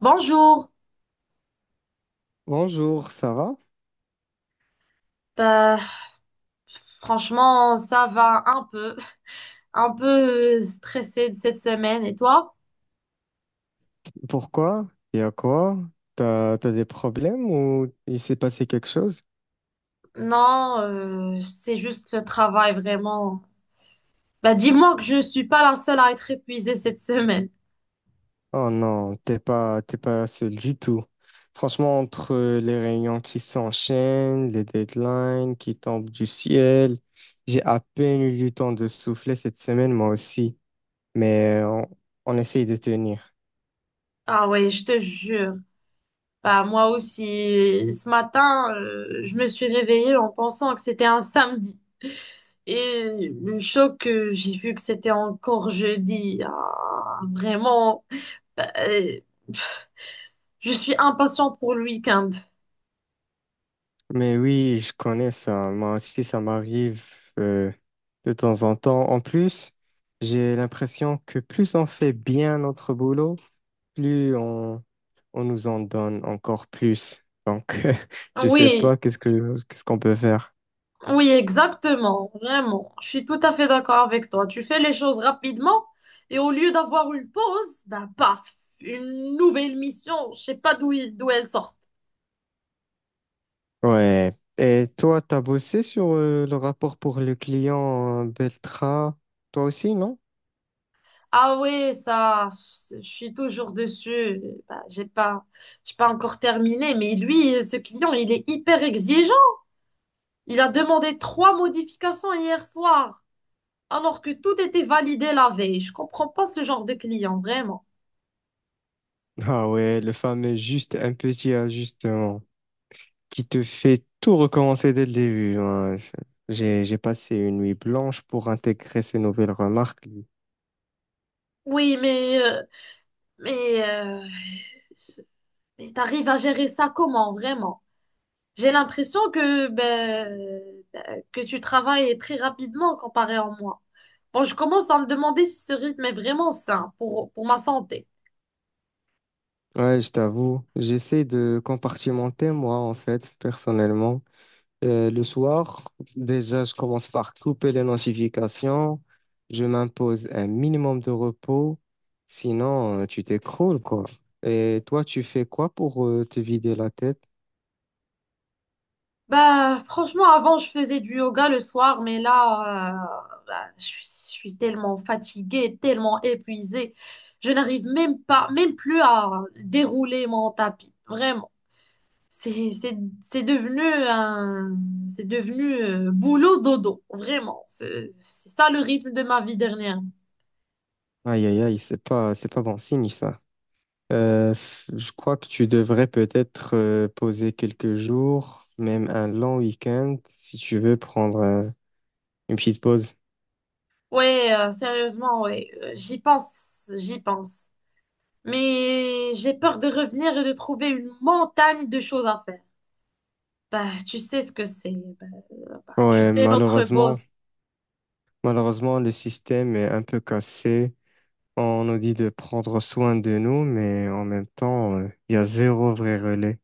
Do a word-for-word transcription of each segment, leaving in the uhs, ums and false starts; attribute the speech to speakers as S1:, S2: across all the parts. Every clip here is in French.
S1: Bonjour.
S2: Bonjour, ça va?
S1: Bah, franchement, ça va un peu, un peu euh, stressé de cette semaine. Et toi?
S2: Pourquoi? Il y a quoi? T'as, t'as des problèmes ou il s'est passé quelque chose?
S1: Non, euh, c'est juste le travail vraiment. Bah, dis-moi que je suis pas la seule à être épuisée cette semaine.
S2: Oh non, t'es pas, t'es pas seul du tout. Franchement, entre les réunions qui s'enchaînent, les deadlines qui tombent du ciel, j'ai à peine eu du temps de souffler cette semaine, moi aussi. Mais on, on essaye de tenir.
S1: Ah ouais, je te jure. Bah, moi aussi, ce matin, euh, je me suis réveillée en pensant que c'était un samedi. Et le choc que j'ai vu que c'était encore jeudi. Ah, vraiment. Bah, euh, Je suis impatiente pour le week-end.
S2: Mais oui, je connais ça. Moi aussi, ça m'arrive euh, de temps en temps. En plus, j'ai l'impression que plus on fait bien notre boulot, plus on, on nous en donne encore plus. Donc, je sais
S1: Oui,
S2: pas qu'est-ce que qu'est-ce qu'on peut faire.
S1: oui, exactement, vraiment. Je suis tout à fait d'accord avec toi. Tu fais les choses rapidement et au lieu d'avoir une pause, ben paf, une nouvelle mission. Je sais pas d'où il- d'où elle sort.
S2: Ouais. Et toi, t'as bossé sur euh, le rapport pour le client euh, Beltra, toi aussi, non?
S1: Ah oui, ça, je suis toujours dessus. Ben, j'ai pas, j'ai pas encore terminé, mais lui, ce client, il est hyper exigeant. Il a demandé trois modifications hier soir, alors que tout était validé la veille. Je comprends pas ce genre de client, vraiment.
S2: Ah ouais, le fameux juste un petit ajustement qui te fait tout recommencer dès le début, hein. J'ai, j'ai passé une nuit blanche pour intégrer ces nouvelles remarques.
S1: Oui, mais, euh, mais, euh, mais t'arrives à gérer ça comment, vraiment? J'ai l'impression que, ben, ben, que tu travailles très rapidement comparé à moi. Bon, je commence à me demander si ce rythme est vraiment sain pour, pour ma santé.
S2: Ouais, je t'avoue, j'essaie de compartimenter moi en fait, personnellement. Euh, le soir, déjà, je commence par couper les notifications. Je m'impose un minimum de repos. Sinon, euh, tu t'écroules, quoi. Et toi, tu fais quoi pour euh, te vider la tête?
S1: Bah, franchement, avant, je faisais du yoga le soir, mais là, euh, bah, je suis, je suis tellement fatiguée, tellement épuisée. Je n'arrive même pas, même plus à dérouler mon tapis. Vraiment. C'est, c'est, c'est devenu un, c'est devenu euh, boulot dodo, vraiment. C'est c'est ça le rythme de ma vie dernière.
S2: Aïe, aïe, aïe, c'est pas, c'est pas bon signe, ça. Euh, je crois que tu devrais peut-être euh, poser quelques jours, même un long week-end, si tu veux prendre un- une petite pause.
S1: Ouais, euh, sérieusement, ouais. Euh, J'y pense, j'y pense. Mais j'ai peur de revenir et de trouver une montagne de choses à faire. Bah, tu sais ce que c'est. Bah, euh, Bah, tu
S2: Ouais,
S1: sais notre
S2: malheureusement,
S1: boss.
S2: malheureusement, le système est un peu cassé. On nous dit de prendre soin de nous, mais en même temps, euh, il y a zéro vrai relais.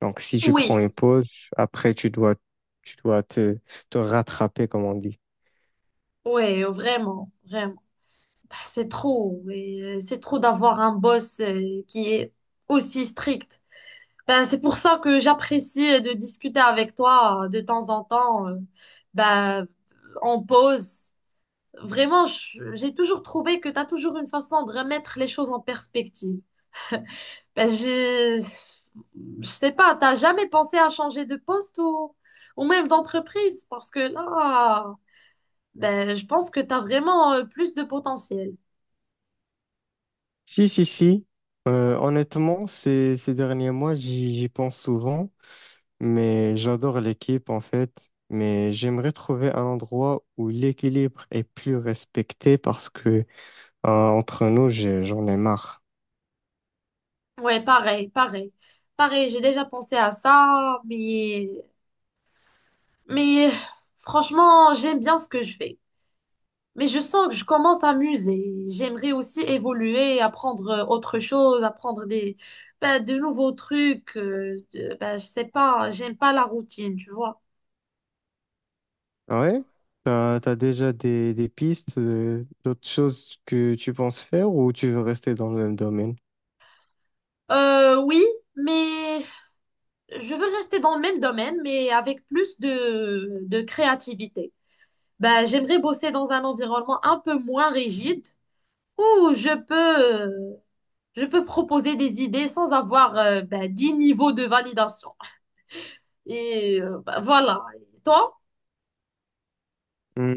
S2: Donc, si tu prends
S1: Oui,
S2: une pause, après, tu dois, tu dois te, te rattraper, comme on dit.
S1: ouais, vraiment, vraiment. Bah, c'est trop, ouais. C'est trop d'avoir un boss euh, qui est aussi strict. Ben, c'est pour ça que j'apprécie de discuter avec toi euh, de temps en temps, euh, ben, en pause. Vraiment, je- j'ai toujours trouvé que tu as toujours une façon de remettre les choses en perspective. Ben, j'ai, je sais pas, t'as jamais pensé à changer de poste ou, ou même d'entreprise? Parce que là, ben, je pense que tu as vraiment euh, plus de potentiel.
S2: Si, si, si. Euh, honnêtement, ces, ces derniers mois, j'y j'y pense souvent. Mais j'adore l'équipe en fait, mais j'aimerais trouver un endroit où l'équilibre est plus respecté parce que euh, entre nous, j'ai- j'en ai marre.
S1: Ouais, pareil, pareil. Pareil, j'ai déjà pensé à ça, mais Mais euh, franchement, j'aime bien ce que je fais. Mais je sens que je commence à m'user. J'aimerais aussi évoluer, apprendre euh, autre chose, apprendre des, ben, de nouveaux trucs. Euh, de- ben, je sais pas, j'aime pas la routine, tu vois.
S2: Ah ouais? T'as, t'as déjà des, des pistes, euh, d'autres choses que tu penses faire, ou tu veux rester dans le même domaine?
S1: Euh, oui, mais je veux rester dans le même domaine, mais avec plus de, de créativité. Ben, j'aimerais bosser dans un environnement un peu moins rigide où je peux, euh, je peux proposer des idées sans avoir, euh, ben, dix niveaux de validation. Et euh, bah, voilà. Et toi?
S2: Hmm,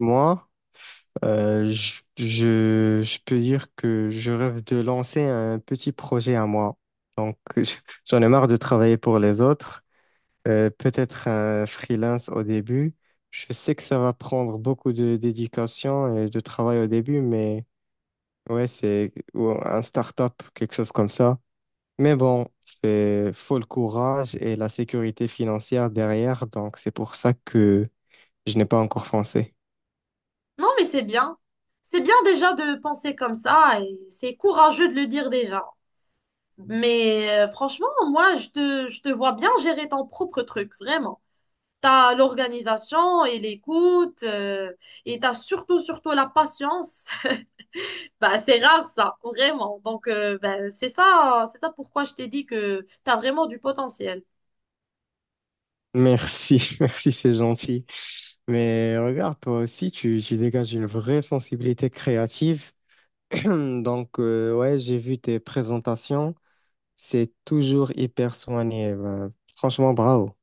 S2: Moi, euh, je, je, je peux dire que je rêve de lancer un petit projet à moi. Donc, j'en ai marre de travailler pour les autres. Euh, peut-être un freelance au début. Je sais que ça va prendre beaucoup de dédication et de travail au début, mais ouais, c'est ou un start-up, quelque chose comme ça. Mais bon, c'est faut le courage et la sécurité financière derrière, donc c'est pour ça que je n'ai pas encore foncé.
S1: Non, mais c'est bien. C'est bien déjà de penser comme ça et c'est courageux de le dire déjà. Mais euh, franchement, moi, je te, je te vois bien gérer ton propre truc, vraiment. T'as l'organisation et l'écoute euh, et t'as surtout, surtout la patience. Bah, c'est rare ça, vraiment. Donc, euh, bah, c'est ça, c'est ça pourquoi je t'ai dit que t'as vraiment du potentiel.
S2: Merci, merci, c'est gentil. Mais regarde, toi aussi, tu, tu dégages une vraie sensibilité créative. Donc, euh, ouais, j'ai vu tes présentations. C'est toujours hyper soigné. Ben, franchement, bravo.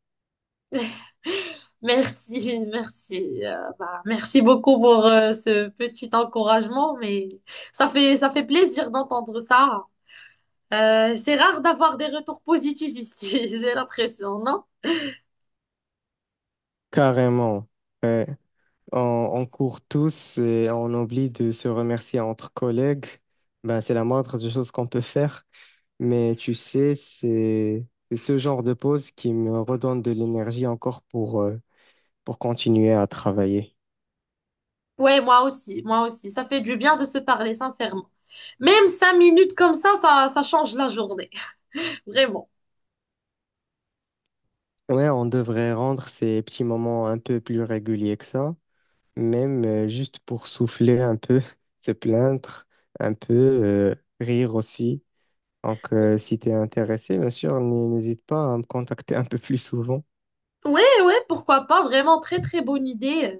S1: Merci, merci. Euh, bah, merci beaucoup pour euh, ce petit encouragement, mais ça fait, ça fait plaisir d'entendre ça. Euh, c'est rare d'avoir des retours positifs ici, j'ai l'impression, non?
S2: Carrément. Ouais. On, on court tous et on oublie de se remercier entre collègues. Ben, c'est la moindre des choses qu'on peut faire. Mais tu sais, c'est c'est ce genre de pause qui me redonne de l'énergie encore pour, euh, pour continuer à travailler.
S1: Ouais, moi aussi, moi aussi. Ça fait du bien de se parler, sincèrement. Même cinq minutes comme ça, ça, ça change la journée, vraiment.
S2: Ouais, on devrait rendre ces petits moments un peu plus réguliers que ça, même euh, juste pour souffler un peu, se plaindre un peu, euh, rire aussi. Donc, euh, si tu es intéressé, bien sûr, n- n'hésite pas à me contacter un peu plus souvent.
S1: Ouais, ouais, pourquoi pas, vraiment très très bonne idée. Euh,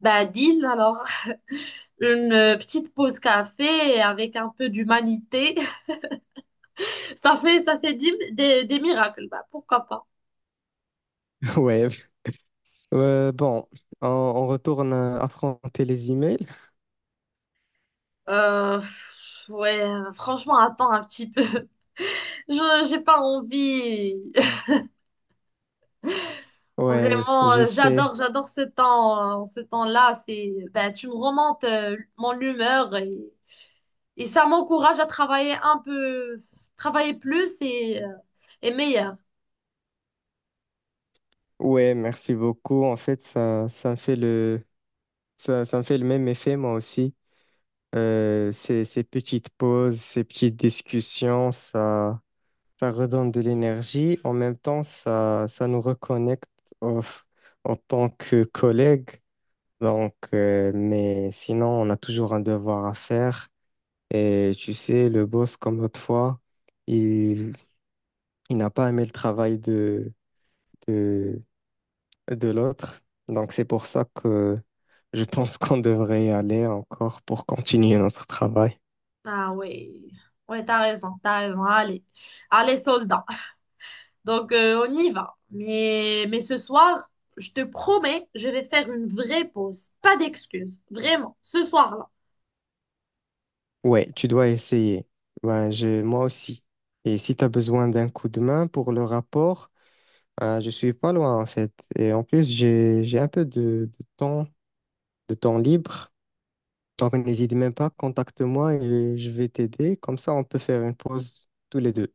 S1: Bah, deal alors. Une euh, petite pause café avec un peu d'humanité. Ça fait, ça fait dix- des, des miracles. Bah, pourquoi pas?
S2: Ouais. Euh, bon, on, on retourne à affronter les emails.
S1: Euh, pff, ouais, franchement, attends un petit peu. Je, j'ai pas envie.
S2: Ouais,
S1: Vraiment,
S2: je
S1: euh,
S2: sais.
S1: j'adore, j'adore ce temps, hein. Ce temps-là, c'est, bah, tu me remontes euh, mon humeur et, et ça m'encourage à travailler un peu, travailler plus et, euh, et meilleur.
S2: Ouais, merci beaucoup. En fait, ça, ça me fait le, ça, ça me fait le même effet, moi aussi. Euh, ces, ces petites pauses, ces petites discussions, ça, ça redonne de l'énergie. En même temps, ça, ça nous reconnecte en en tant que collègues. Donc, euh, mais sinon, on a toujours un devoir à faire. Et tu sais, le boss, comme l'autre fois, il, il n'a pas aimé le travail de, de, de l'autre. Donc, c'est pour ça que je
S1: Ouais.
S2: pense qu'on devrait y aller encore pour continuer notre travail.
S1: Ah ouais, ouais, t'as raison, t'as raison. Allez, allez, soldat. Donc, euh, on y va. Mais, mais ce soir, je te promets, je vais faire une vraie pause. Pas d'excuses. Vraiment, ce soir-là.
S2: Ouais, tu dois essayer. Ben, je, moi aussi. Et si tu as besoin d'un coup de main pour le rapport, euh, je suis pas loin en fait. Et en plus, j'ai, j'ai un peu de de temps, de temps libre. Donc, n'hésite même pas, contacte-moi et je vais t'aider. Comme ça, on peut faire une pause tous les deux.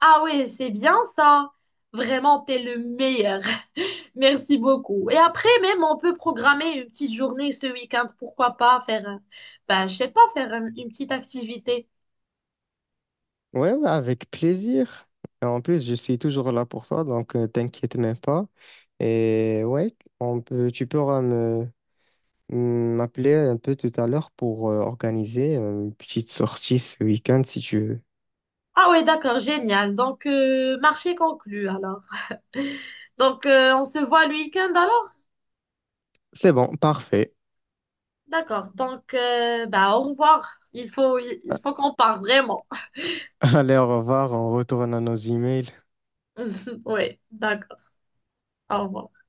S1: Ah ouais, c'est bien ça. Vraiment, t'es le meilleur. Merci beaucoup. Et après, même, on peut programmer une petite journée ce week-end. Pourquoi pas faire, euh, bah, je sais pas, faire euh, une petite activité.
S2: Ouais, ouais, avec plaisir. Et en plus, je suis toujours là pour toi, donc euh, t'inquiète même pas. Et ouais, on peut, tu pourras me mm, m'appeler un peu tout à l'heure pour euh, organiser une petite sortie ce week-end si tu veux.
S1: Ah ouais, d'accord, génial. Donc, euh, marché conclu alors. Donc, euh, on se voit le week-end alors?
S2: C'est bon, parfait.
S1: D'accord. Donc, euh, bah, au revoir. Il faut, il faut qu'on parle vraiment.
S2: Allez, au revoir, on retourne à nos emails.
S1: Oui, d'accord. Au revoir.